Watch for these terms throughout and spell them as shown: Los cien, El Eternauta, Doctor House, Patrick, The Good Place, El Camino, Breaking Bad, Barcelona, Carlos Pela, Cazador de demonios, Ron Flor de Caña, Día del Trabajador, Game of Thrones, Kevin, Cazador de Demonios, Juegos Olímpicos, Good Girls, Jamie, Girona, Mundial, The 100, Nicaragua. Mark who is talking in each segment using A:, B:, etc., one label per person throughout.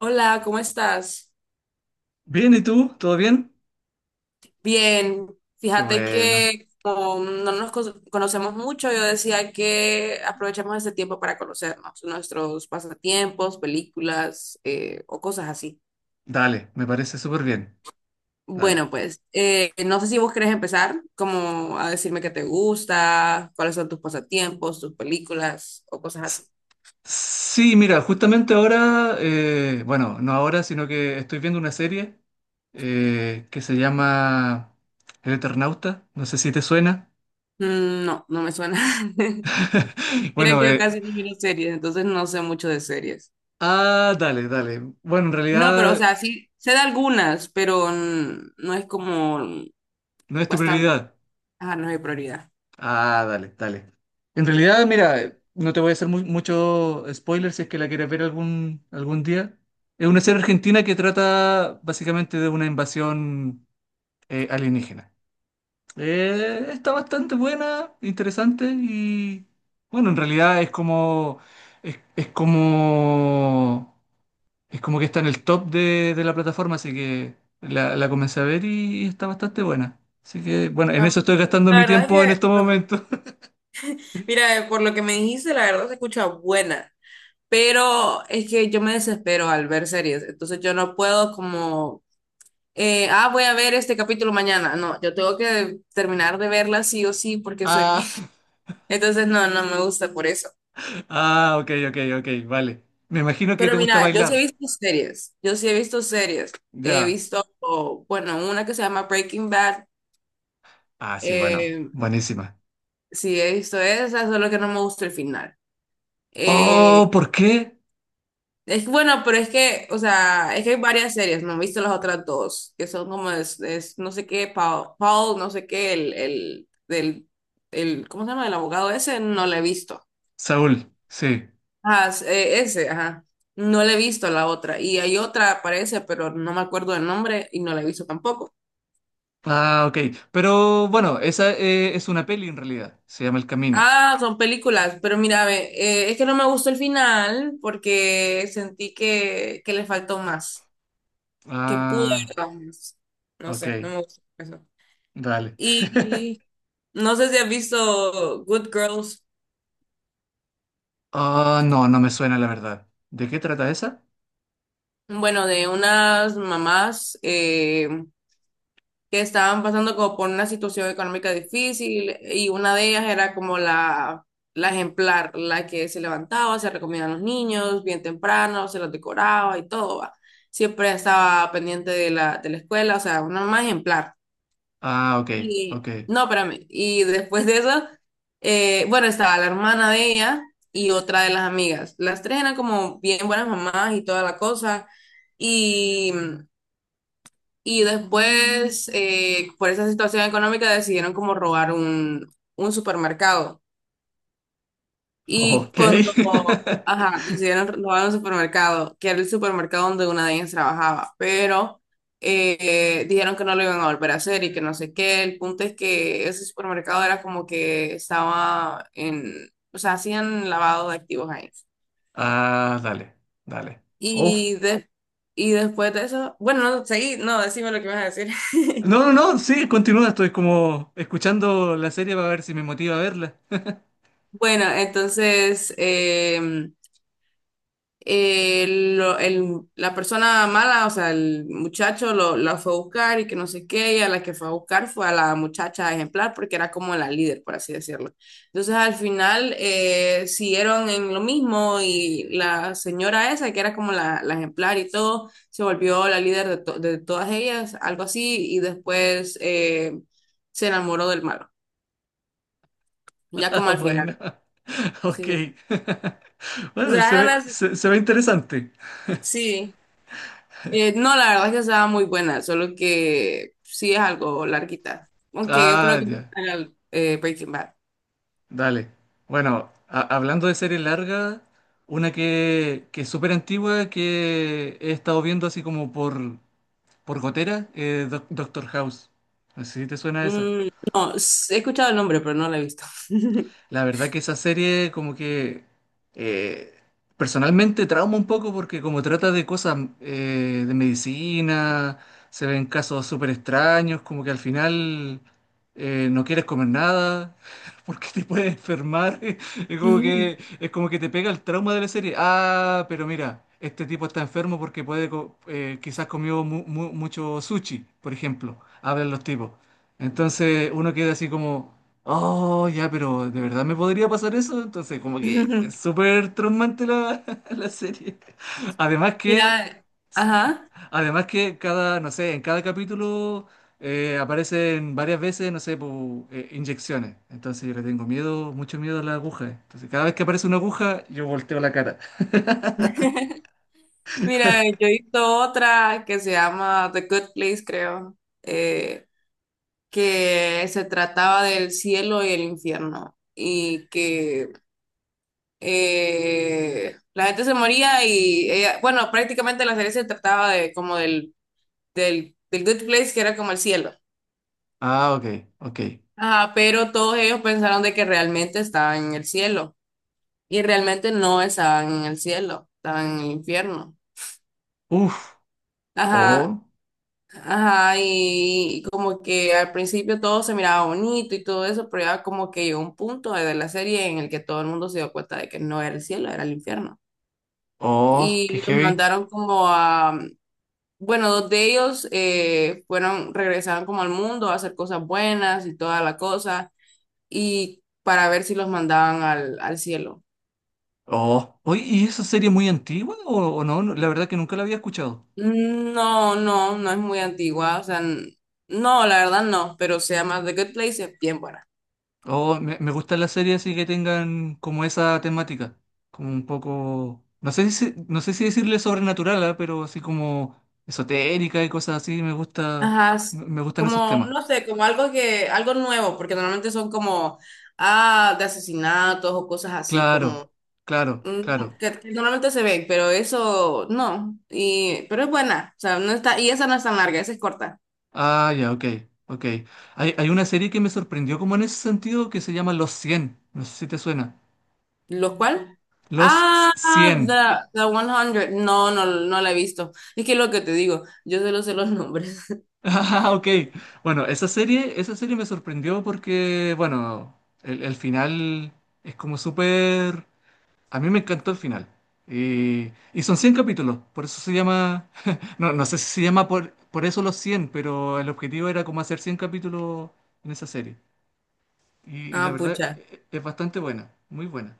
A: Hola, ¿cómo estás?
B: Bien, ¿y tú? ¿Todo bien?
A: Bien,
B: Qué
A: fíjate
B: bueno.
A: que como no nos conocemos mucho, yo decía que aprovechemos este tiempo para conocernos, nuestros pasatiempos, películas o cosas así.
B: Dale, me parece súper bien. Dale.
A: Bueno, pues no sé si vos querés empezar como a decirme qué te gusta, cuáles son tus pasatiempos, tus películas o cosas
B: S-
A: así.
B: Sí, mira, justamente ahora, bueno, no ahora, sino que estoy viendo una serie que se llama El Eternauta. No sé si te suena.
A: Mm, no, no me suena. Mira
B: Bueno,
A: que yo casi no miro series, entonces no sé mucho de series.
B: dale, dale. Bueno, en
A: No, pero o
B: realidad
A: sea, sí, sé de algunas, pero mm, no es como
B: no es tu
A: bastante.
B: prioridad.
A: Ajá, no es mi prioridad.
B: Ah, dale, dale. En realidad, mira, no te voy a hacer mucho spoiler si es que la quieres ver algún día. Es una serie argentina que trata básicamente de una invasión alienígena. Está bastante buena, interesante y bueno, en realidad es, es como es como que está en el top de la plataforma, así que la comencé a ver y está bastante buena. Así que bueno, en
A: Ah,
B: eso estoy gastando
A: la
B: mi
A: verdad es que,
B: tiempo en estos
A: lo que-
B: momentos.
A: mira, por lo que me dijiste, la verdad se escucha buena. Pero es que yo me desespero al ver series, entonces yo no puedo como, voy a ver este capítulo mañana. No, yo tengo que terminar de verla sí o sí porque soy
B: Ah.
A: bien. Entonces no, no me gusta por eso.
B: Ah, ok, ok, ok, vale. Me imagino que te
A: Pero
B: gusta
A: mira, yo sí he
B: bailar.
A: visto series, yo sí he visto series. He
B: Ya.
A: visto, bueno, una que se llama Breaking Bad,
B: Ah, sí, bueno,
A: eh,
B: buenísima.
A: sí he visto esa, solo que no me gusta el final.
B: Oh,
A: Eh,
B: ¿por qué?
A: es bueno, pero es que, o sea, es que hay varias series, no he visto las otras dos, que son como, es no sé qué, Paul, Paul, no sé qué, el, del, el, ¿cómo se llama? El abogado ese, no lo he visto.
B: Saúl, sí.
A: Ah, ese, ajá. No le he visto la otra. Y hay otra, parece, pero no me acuerdo del nombre y no la he visto tampoco.
B: Ah, ok. Pero bueno, esa es una peli en realidad. Se llama El Camino.
A: Ah, son películas, pero mira, ve, es que no me gustó el final porque sentí que le faltó más, que pudo
B: Ah,
A: haber dado más. No
B: ok,
A: sé, no me gustó eso.
B: dale.
A: Y no sé si has visto Good Girls,
B: Ah, no, no me suena la verdad. ¿De qué trata esa?
A: bueno, de unas mamás que estaban pasando como por una situación económica difícil y una de ellas era como la ejemplar, la que se levantaba, se recomendaba a los niños bien temprano, se los decoraba y todo, va. Siempre estaba pendiente de la escuela, o sea, una mamá ejemplar.
B: Ah, ok, ok.
A: Y, no, espérame, y después de eso, bueno, estaba la hermana de ella y otra de las amigas. Las tres eran como bien buenas mamás y toda la cosa. Y y después, por esa situación económica, decidieron como robar un supermercado. Y
B: Ok.
A: cuando, ajá, decidieron robar un supermercado, que era el supermercado donde una de ellas trabajaba, pero dijeron que no lo iban a volver a hacer y que no sé qué. El punto es que ese supermercado era como que estaba en, o sea, hacían lavado de activos ahí.
B: Ah, dale, dale. Uf.
A: Y, y después de eso, bueno, no, seguí, no, decime lo que me vas a decir.
B: No, no, no, sí, continúa, estoy como escuchando la serie para ver si me motiva a verla.
A: Bueno, entonces em, la persona mala, o sea, el muchacho lo, la fue a buscar y que no sé qué, y a la que fue a buscar fue a la muchacha ejemplar porque era como la líder, por así decirlo. Entonces al final siguieron en lo mismo y la señora esa, que era como la ejemplar y todo, se volvió la líder de, de todas ellas, algo así, y después se enamoró del malo, ya como
B: Ah,
A: al
B: bueno,
A: final.
B: ok.
A: Sí. O
B: Bueno,
A: sea, ahora
B: se ve interesante.
A: sí. No, la verdad es que estaba muy buena, solo que sí es algo larguita. Aunque yo creo
B: Ah,
A: que
B: ya,
A: Breaking Bad.
B: dale. Bueno, hablando de serie larga, una que es súper antigua que he estado viendo así como por gotera, Doctor House. No sé si te suena esa.
A: Mm, no, he escuchado el nombre, pero no lo he visto.
B: La verdad que esa serie como que eh, personalmente trauma un poco porque como trata de cosas de medicina, se ven casos súper extraños, como que al final no quieres comer nada porque te puedes enfermar. Es como que te pega el trauma de la serie. Ah, pero mira, este tipo está enfermo porque quizás comió mucho sushi, por ejemplo. Hablan los tipos. Entonces uno queda así como... Oh, ya, pero ¿de verdad me podría pasar eso? Entonces, como que es súper traumante la, la serie. Además que,
A: Mira, ajá.
B: además que cada, no sé, en cada capítulo aparecen varias veces, no sé, inyecciones. Entonces yo le tengo miedo, mucho miedo a las agujas. Entonces, cada vez que aparece una aguja, yo volteo la cara.
A: Mira, yo he visto otra que se llama The Good Place, creo, eh, que se trataba del cielo y el infierno. Y que la gente se moría y bueno, prácticamente la serie se trataba de como del del Good Place, que era como el cielo.
B: Ah, ok, ok.
A: Ajá, pero todos ellos pensaron de que realmente estaban en el cielo y realmente no estaban en el cielo, estaban en el infierno.
B: Uf,
A: Ajá,
B: oh,
A: ajá, y como que al principio todo se miraba bonito y todo eso, pero ya como que llegó un punto de la serie en el que todo el mundo se dio cuenta de que no era el cielo, era el infierno.
B: oh, qué
A: Y los
B: heavy.
A: mandaron como a, bueno, dos de ellos fueron, regresaron como al mundo a hacer cosas buenas y toda la cosa y para ver si los mandaban al, al cielo.
B: Oh, oye, ¿y esa serie es muy antigua o no? No, la verdad que nunca la había escuchado.
A: Mm, no, no, no es muy antigua, o sea, no, la verdad no, pero se llama The Good Place, es bien buena.
B: Oh, me gustan las series así que tengan como esa temática, como un poco, no sé si decirle sobrenatural, ah, pero así como esotérica y cosas así, me gusta,
A: Ajá, es
B: me me gustan esos
A: como,
B: temas.
A: no sé, como algo que, algo nuevo, porque normalmente son como, ah, de asesinatos o cosas así,
B: Claro,
A: como,
B: claro,
A: mm,
B: claro.
A: que normalmente se ven, pero eso, no, y, pero es buena, o sea, no está, y esa no es tan larga, esa es corta.
B: Ah, ya, ok, ok. Hay una serie que me sorprendió como en ese sentido que se llama Los 100. No sé si te suena.
A: ¿Los cuál?
B: Los
A: Ah,
B: cien
A: The 100. No, no, no la he visto. Es que lo que te digo, yo solo sé los nombres.
B: Ah, ok. Bueno, esa serie me sorprendió porque, bueno, el final es como súper... A mí me encantó el final. Y son 100 capítulos, por eso se llama... No, no sé si se llama por, eso los 100, pero el objetivo era como hacer 100 capítulos en esa serie. Y la
A: Ah,
B: verdad
A: pucha.
B: es bastante buena, muy buena.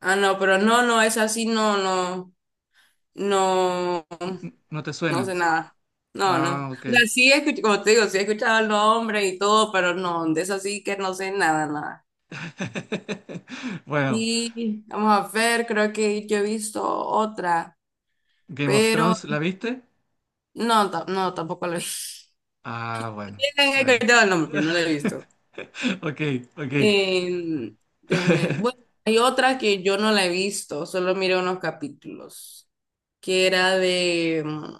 A: Ah, no, pero no, no, es así, no, no, no,
B: ¿No te
A: no sé
B: suena?
A: nada. No, no.
B: Ah, ok.
A: O sea, sí he escuchado, como te digo, sí he escuchado el nombre y todo, pero no, de eso sí que no sé nada, nada.
B: Bueno,
A: Y vamos a ver, creo que yo he visto otra,
B: Game of
A: pero
B: Thrones, ¿la viste?
A: no, no, tampoco la he visto.
B: Ah, bueno,
A: He
B: bueno.
A: escuchado el nombre, pero no la he visto.
B: Ok, ok.
A: Eh, déjame. Bueno, hay otra que yo no la he visto, solo miré unos capítulos, que era de mm,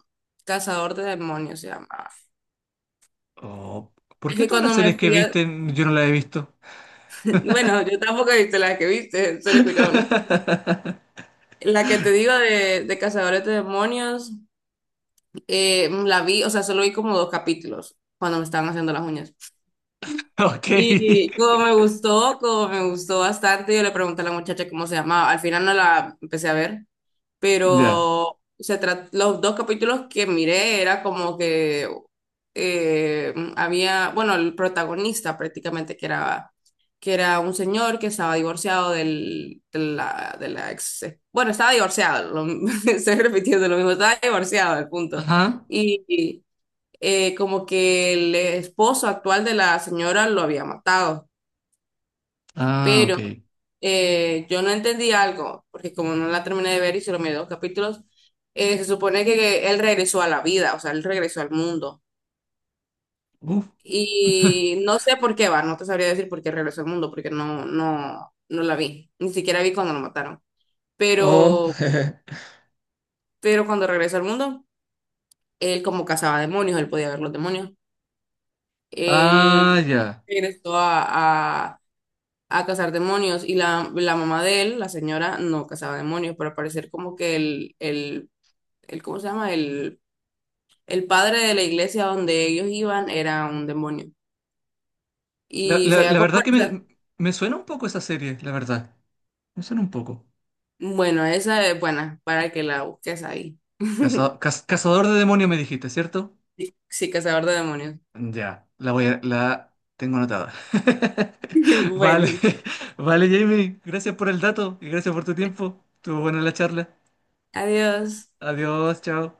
A: Cazador de Demonios, se llamaba.
B: Oh, ¿por
A: Es
B: qué
A: que
B: todas las
A: cuando me
B: series que
A: fui a...
B: viste yo no las he visto?
A: Bueno, yo tampoco he visto la que viste, solo escucharon. La que te digo de Cazadores de Demonios, la vi, o sea, solo vi como dos capítulos cuando me estaban haciendo las uñas.
B: Ok.
A: Y como me gustó bastante, yo le pregunté a la muchacha cómo se llamaba. Al final no la empecé a ver
B: Ya.
A: pero se sea, los dos capítulos que miré era como que había, bueno, el protagonista prácticamente que era un señor que estaba divorciado del, de la ex, bueno, estaba divorciado, estoy repitiendo lo mismo, estaba divorciado, el punto.
B: Ajá.
A: Y como que el esposo actual de la señora lo había matado,
B: Ah, ok.
A: pero yo no entendí algo, porque como no la terminé de ver y solo miré dos capítulos, se supone que él regresó a la vida, o sea, él regresó al mundo.
B: Uf.
A: Y no sé por qué va, no te sabría decir por qué regresó al mundo, porque no, no, no la vi, ni siquiera vi cuando lo mataron.
B: Oh.
A: Pero, pero cuando regresó al mundo, él como cazaba demonios, él podía ver los demonios.
B: Ah,
A: Él
B: ya.
A: regresó a, a cazar demonios y la mamá de él, la señora, no cazaba demonios, pero al parecer como que el, el ¿cómo se llama? El padre de la iglesia donde ellos iban era un demonio. Y se había
B: La verdad que
A: comportado.
B: me suena un poco esa serie, la verdad. Me suena un poco.
A: Bueno, esa es buena para que la busques ahí.
B: Cazador de demonios me dijiste, ¿cierto?
A: Sí, sí, cazador de demonios.
B: Ya, la tengo anotada. Vale,
A: Bueno,
B: vale, Jamie. Gracias por el dato y gracias por tu tiempo. Estuvo buena la charla.
A: adiós.
B: Adiós, chao.